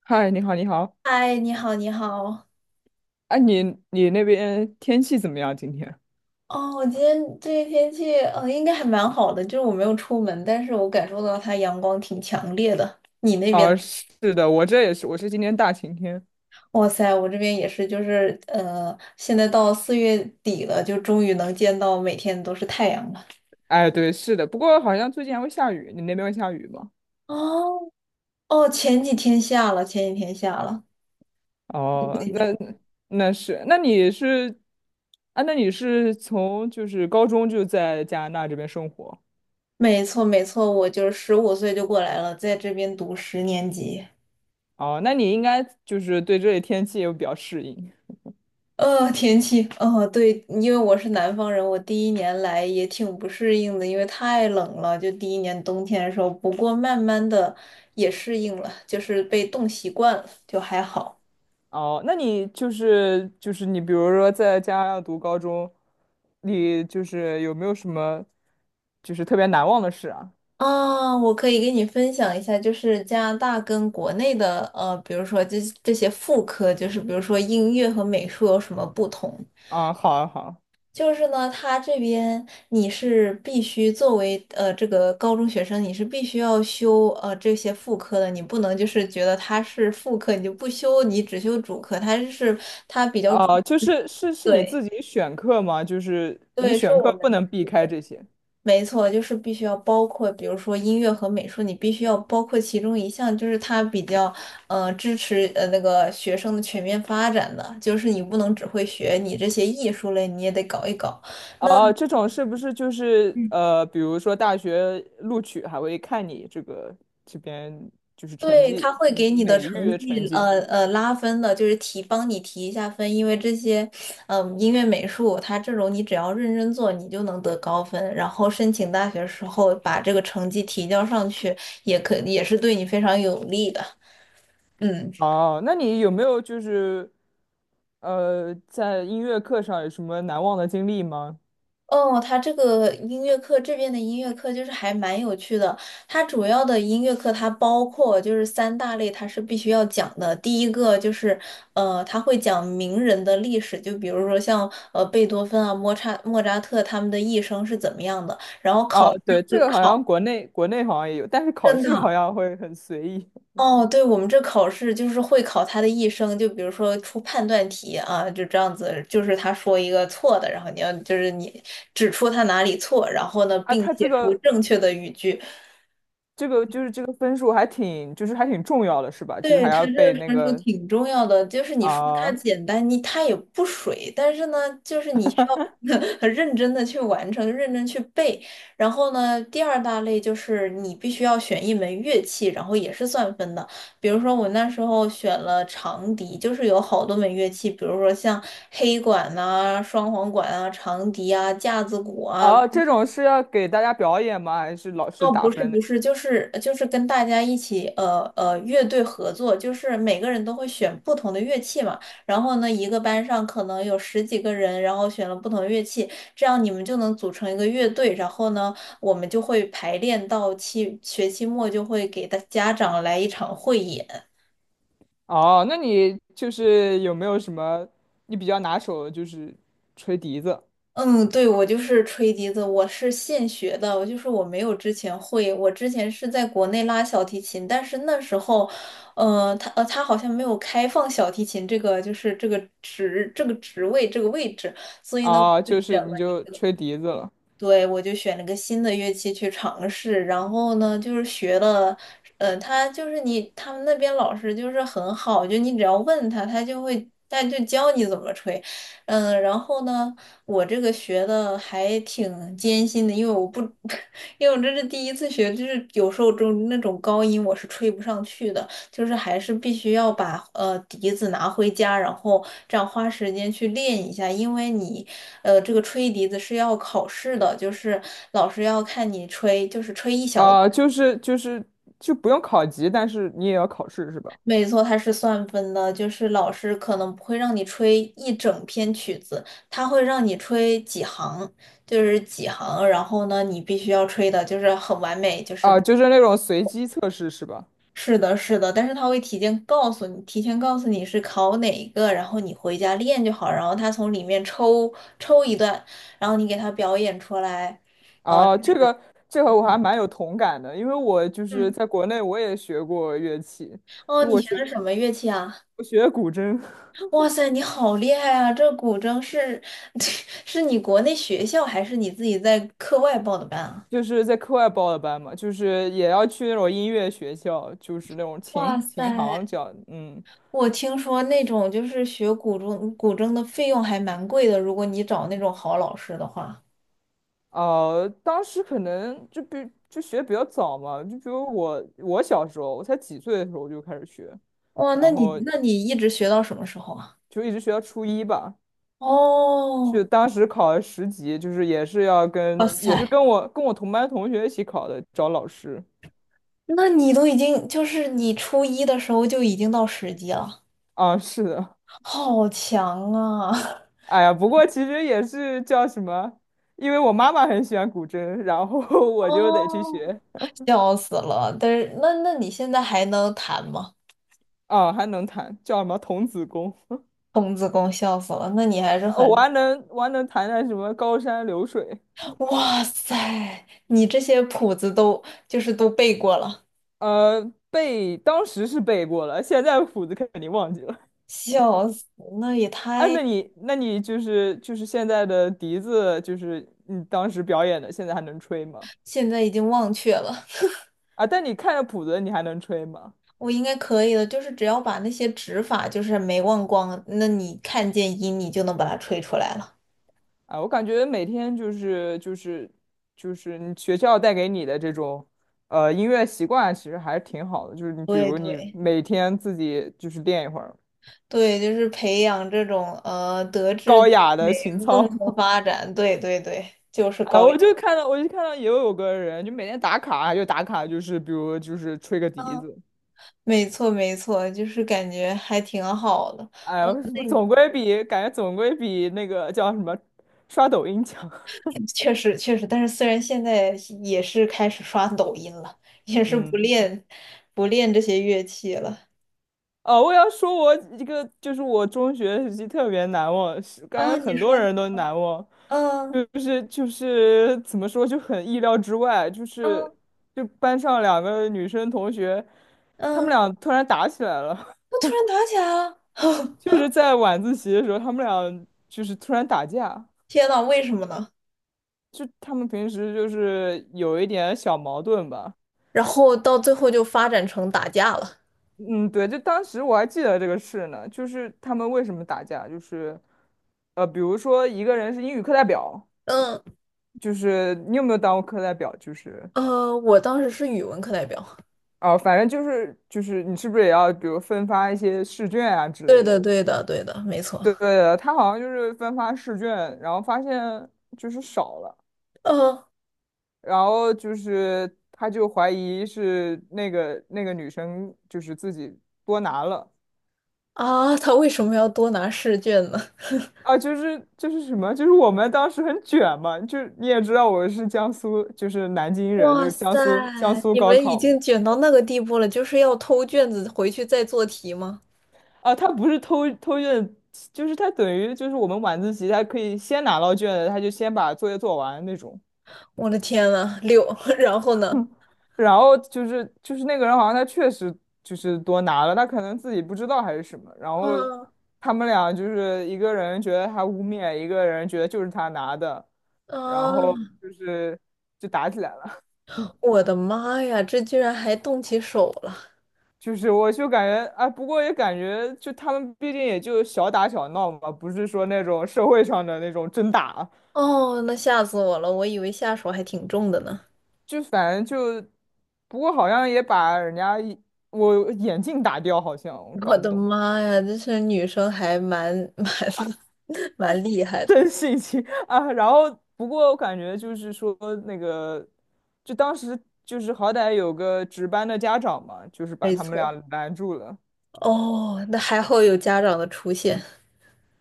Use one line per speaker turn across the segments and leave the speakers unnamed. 嗨，你好，你好。
嗨，你好，你好。
哎、你那边天气怎么样今天？
哦，我今天这个天气，应该还蛮好的，就是我没有出门，但是我感受到它阳光挺强烈的。你那边？
哦，是的，我这也是，我是今天大晴天。
哇塞，我这边也是，就是现在到四月底了，就终于能见到每天都是太阳了。
哎，对，是的，不过好像最近还会下雨，你那边会下雨吗？
哦哦，前几天下了，前几天下了。
哦，
最
那
近。
那是，那你是，啊，那你是从就是高中就在加拿大这边生活。
没错没错，我就是15岁就过来了，在这边读10年级。
哦，那你应该就是对这里天气也比较适应。
天气，哦，对，因为我是南方人，我第一年来也挺不适应的，因为太冷了，就第一年冬天的时候。不过慢慢的也适应了，就是被冻习惯了，就还好。
哦，那你就是你，比如说在家要读高中，你就是有没有什么就是特别难忘的事啊？
啊，我可以给你分享一下，就是加拿大跟国内的，比如说这些副科，就是比如说音乐和美术有什么不同。
啊，好啊，好
就是呢，他这边你是必须作为这个高中学生，你是必须要修这些副科的，你不能就是觉得它是副科你就不修，你只修主科，它是它比较
啊。
注。
啊，就是你
对
自己选课吗？就是你
对，是
选课
我
不
们。
能避开这些。
没错，就是必须要包括，比如说音乐和美术，你必须要包括其中一项，就是它比较支持那个学生的全面发展的，就是你不能只会学你这些艺术类，你也得搞一搞。
哦，这种是不是就是比如说大学录取还会看你这个这边就是成
对，
绩，
他会
嗯
给你的
美育
成
的成
绩，
绩？
拉分的，就是提，帮你提一下分，因为这些，嗯、音乐、美术，它这种你只要认真做，你就能得高分。然后申请大学时候把这个成绩提交上去，也可也是对你非常有利的。嗯。
哦，那你有没有就是在音乐课上有什么难忘的经历吗？
哦，他这个音乐课这边的音乐课就是还蛮有趣的。它主要的音乐课它包括就是三大类，它是必须要讲的。第一个就是他会讲名人的历史，就比如说像贝多芬啊、莫扎特他们的一生是怎么样的，然后
啊，
考试
对，
会
这个好
考。
像国内好像也有，但是考
真
试好
的，
像会很随意
哦，对，我们这考试就是会考他的一生，就比如说出判断题啊，就这样子，就是他说一个错的，然后你要就是你指出他哪里错，然后呢，
啊。
并
他这
写出
个
正确的语句。
这个分数还挺就是还挺重要的，是吧？就是
对，
还
它
要
这
被
个
那
传输
个
挺重要的，就是你说它
啊
简单，你它也不水，但是呢，就是你需要 很认真的去完成，认真去背。然后呢，第二大类就是你必须要选一门乐器，然后也是算分的。比如说我那时候选了长笛，就是有好多门乐器，比如说像黑管呐、双簧管啊、长笛啊、架子鼓啊。
啊，这种是要给大家表演吗？还是老师
哦，
打
不是
分的？
不是，就是就是跟大家一起乐队合作，就是每个人都会选不同的乐器嘛。然后呢，一个班上可能有十几个人，然后选了不同的乐器，这样你们就能组成一个乐队。然后呢，我们就会排练到期学期末就会给大家长来一场汇演。
哦，那你就是有没有什么你比较拿手的，就是吹笛子
嗯，对，我就是吹笛子，我是现学的，我就是我没有之前会，我之前是在国内拉小提琴，但是那时候，他他好像没有开放小提琴这个就是这个职这个职位这个位置，所以呢，我
啊？哦
就
就
选
是
了
你
一
就
个。
吹笛子了。
对，我就选了个新的乐器去尝试，然后呢，就是学了，他就是你，他们那边老师就是很好，就你只要问他，他就会，他就教你怎么吹，嗯，然后呢，我这个学的还挺艰辛的，因为我不，因为我这是第一次学，就是有时候就那种高音我是吹不上去的，就是还是必须要把笛子拿回家，然后这样花时间去练一下，因为你这个吹笛子是要考试的，就是老师要看你吹，就是吹一小。
啊、就是就不用考级，但是你也要考试是吧？
没错，它是算分的，就是老师可能不会让你吹一整篇曲子，他会让你吹几行，就是几行，然后呢你必须要吹的就是很完美，就是。
啊、就是那种随机测试是吧？
是的，是的，但是他会提前告诉你，提前告诉你是考哪一个，然后你回家练就好，然后他从里面抽抽一段，然后你给他表演出来。
哦、这个这和我还蛮有同感的，因为我就是
嗯。
在国内我也学过乐器，
哦，
就
你
我
学
学
的什么乐器啊？
我学古筝，
哇塞，你好厉害啊！这古筝是 是你国内学校还是你自己在课外报的班啊？
就是在课外报的班嘛，就是也要去那种音乐学校，就是那种
哇
琴琴
塞，
行教。嗯。
我听说那种就是学古筝，古筝的费用还蛮贵的，如果你找那种好老师的话。
当时可能就比就学比较早嘛，就比如我小时候，我才几岁的时候我就开始学，
哇，那
然
你
后
那你一直学到什么时候啊？
就一直学到初一吧。就
哦。
当时考了10级，就是也是要
哇
跟也是
塞，
跟我跟我同班同学一起考的，找老师。
那你都已经就是你初一的时候就已经到10级了，
啊，是的。
好强啊！
哎呀，不过其实也是叫什么，因为我妈妈很喜欢古筝，然后 我就得去
哦，
学。
笑死了。但是那那你现在还能弹吗？
啊，还能弹，叫什么童子功。
童子功笑死了，那你还 是
哦我
很，
还能我还能弹弹什么高山流水。
哇塞，你这些谱子都就是都背过了。
呃，背当时是背过了，现在谱子肯定忘记了。
笑死，那也
哎，
太。
那你就是就是现在的笛子，就是你当时表演的，现在还能吹吗？
现在已经忘却了。
啊，但你看着谱子，你还能吹吗？
我应该可以的，就是只要把那些指法就是没忘光，那你看见音你就能把它吹出来了。
啊，我感觉每天就是你学校带给你的这种音乐习惯，其实还是挺好的。就是你比
对
如你
对
每天自己就是练一会儿
对，就是培养这种德智
高
体
雅
美
的情
共
操。
同发 展。对对对，就是
哎，
高雅。
我就看到也有个人就每天打卡，就打卡就是比如就是吹个笛
嗯，
子。
没错没错，就是感觉还挺好的。
哎呀，
那你。
总归比感觉总归比那个叫什么刷抖音强。
确实确实，但是虽然现在也是开始刷抖音了，也是不
嗯，
练不练这些乐器了。
哦，我要说，我一个就是我中学时期特别难忘，是感觉
啊，你
很多
说，
人都难忘，
嗯。
就是怎么说就很意料之外，就是
嗯
就班上两个女生同学，她们
嗯，
俩突然打起来了。
我突然打起来了。
就是在晚自习的时候，她们俩就是突然打架，
天呐，为什么呢？
就她们平时就是有一点小矛盾吧。
然后到最后就发展成打架了。
嗯，对，就当时我还记得这个事呢，就是他们为什么打架，就是，比如说一个人是英语课代表，
嗯。
就是你有没有当过课代表？就是，
我当时是语文课代表。
哦、反正就是你是不是也要比如分发一些试卷啊之
对
类
的，
的？
对的，对的，没错。
对对对，他好像就是分发试卷，然后发现就是少了，
嗯。
然后就是他就怀疑是那个女生就是自己多拿了。
啊，他为什么要多拿试卷呢？
啊，就是什么，就是我们当时很卷嘛，就是你也知道我是江苏，就是南京 人，就
哇
是江
塞，
苏江苏
你
高
们已
考嘛。
经卷到那个地步了，就是要偷卷子回去再做题吗？
啊，他不是偷偷卷，就是他等于就是我们晚自习，他可以先拿到卷子，他就先把作业做完那种。
我的天呐，六，然后呢？
然后就是那个人好像他确实就是多拿了，他可能自己不知道还是什么。然后
嗯。
他们俩就是一个人觉得他污蔑，一个人觉得就是他拿的，然后
啊，
就是就打起来了。
我的妈呀，这居然还动起手了！
就是我就感觉，啊，不过也感觉，就他们毕竟也就小打小闹嘛，不是说那种社会上的那种真打，
哦，那吓死我了，我以为下手还挺重的呢。
就反正就，不过好像也把人家一我眼镜打掉，好像我
我
搞不
的
懂，
妈呀，这些女生还蛮 蛮厉害的。
真性情 啊。然后不过我感觉就是说那个，就当时就是好歹有个值班的家长嘛，就是把
没
他们俩
错。
拦住了。
哦，那还好有家长的出现。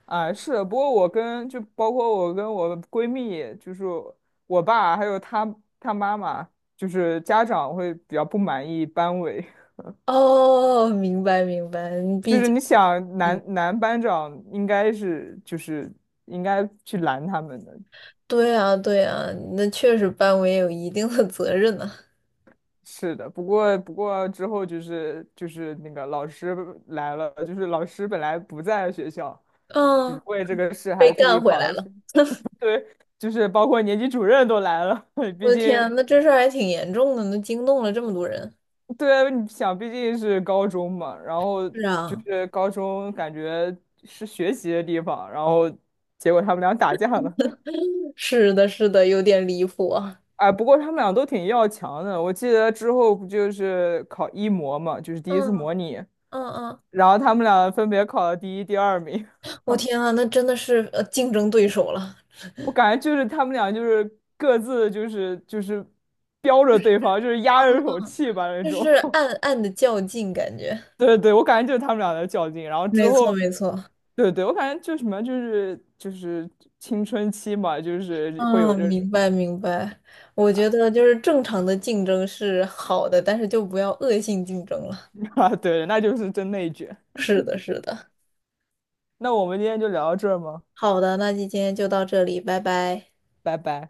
啊，是的，不过我跟就包括我跟我闺蜜，就是我爸还有他妈妈，就是家长会比较不满意班委。
哦，明白明白，
就
毕
是
竟。
你想男班长应该应该去拦他们的。
对啊对啊，那确实班委有一定的责任呢、
是的，不过之后就是那个老师来了，就是老师本来不在学校，就是
嗯。
为这个事
被
还特
干
地
回
跑
来
到
了。
去。对，就是包括年级主任都来了。
我
毕
的天啊
竟。
那这事儿还挺严重的，那惊动了这么多人。
对，你想，毕竟是高中嘛，然后
是
就
啊。
是高中感觉是学习的地方，然后结果他们俩打架了。
是的，是的，有点离谱啊。
哎，不过他们俩都挺要强的。我记得之后不就是考一模嘛，就是第一次
嗯
模拟，
嗯嗯，
然后他们俩分别考了第一、第二名。
我天啊，那真的是竞争对手了。
我感觉就是他们俩就是各自就是标着对方，就是压着一口
嗯。
气吧那
就是
种。
暗暗的较劲感觉。
对对，我感觉就是他们俩在较劲，然 后之
没
后，
错，没错。
对对，我感觉就什么就是青春期嘛，就是会有
嗯，
这种
明白明白。我觉得就是正常的竞争是好的，但是就不要恶性竞争了。
啊，对，那就是真内卷。
是的，是的。
那我们今天就聊到这儿吗？
好的，那今天就到这里，拜拜。
拜拜。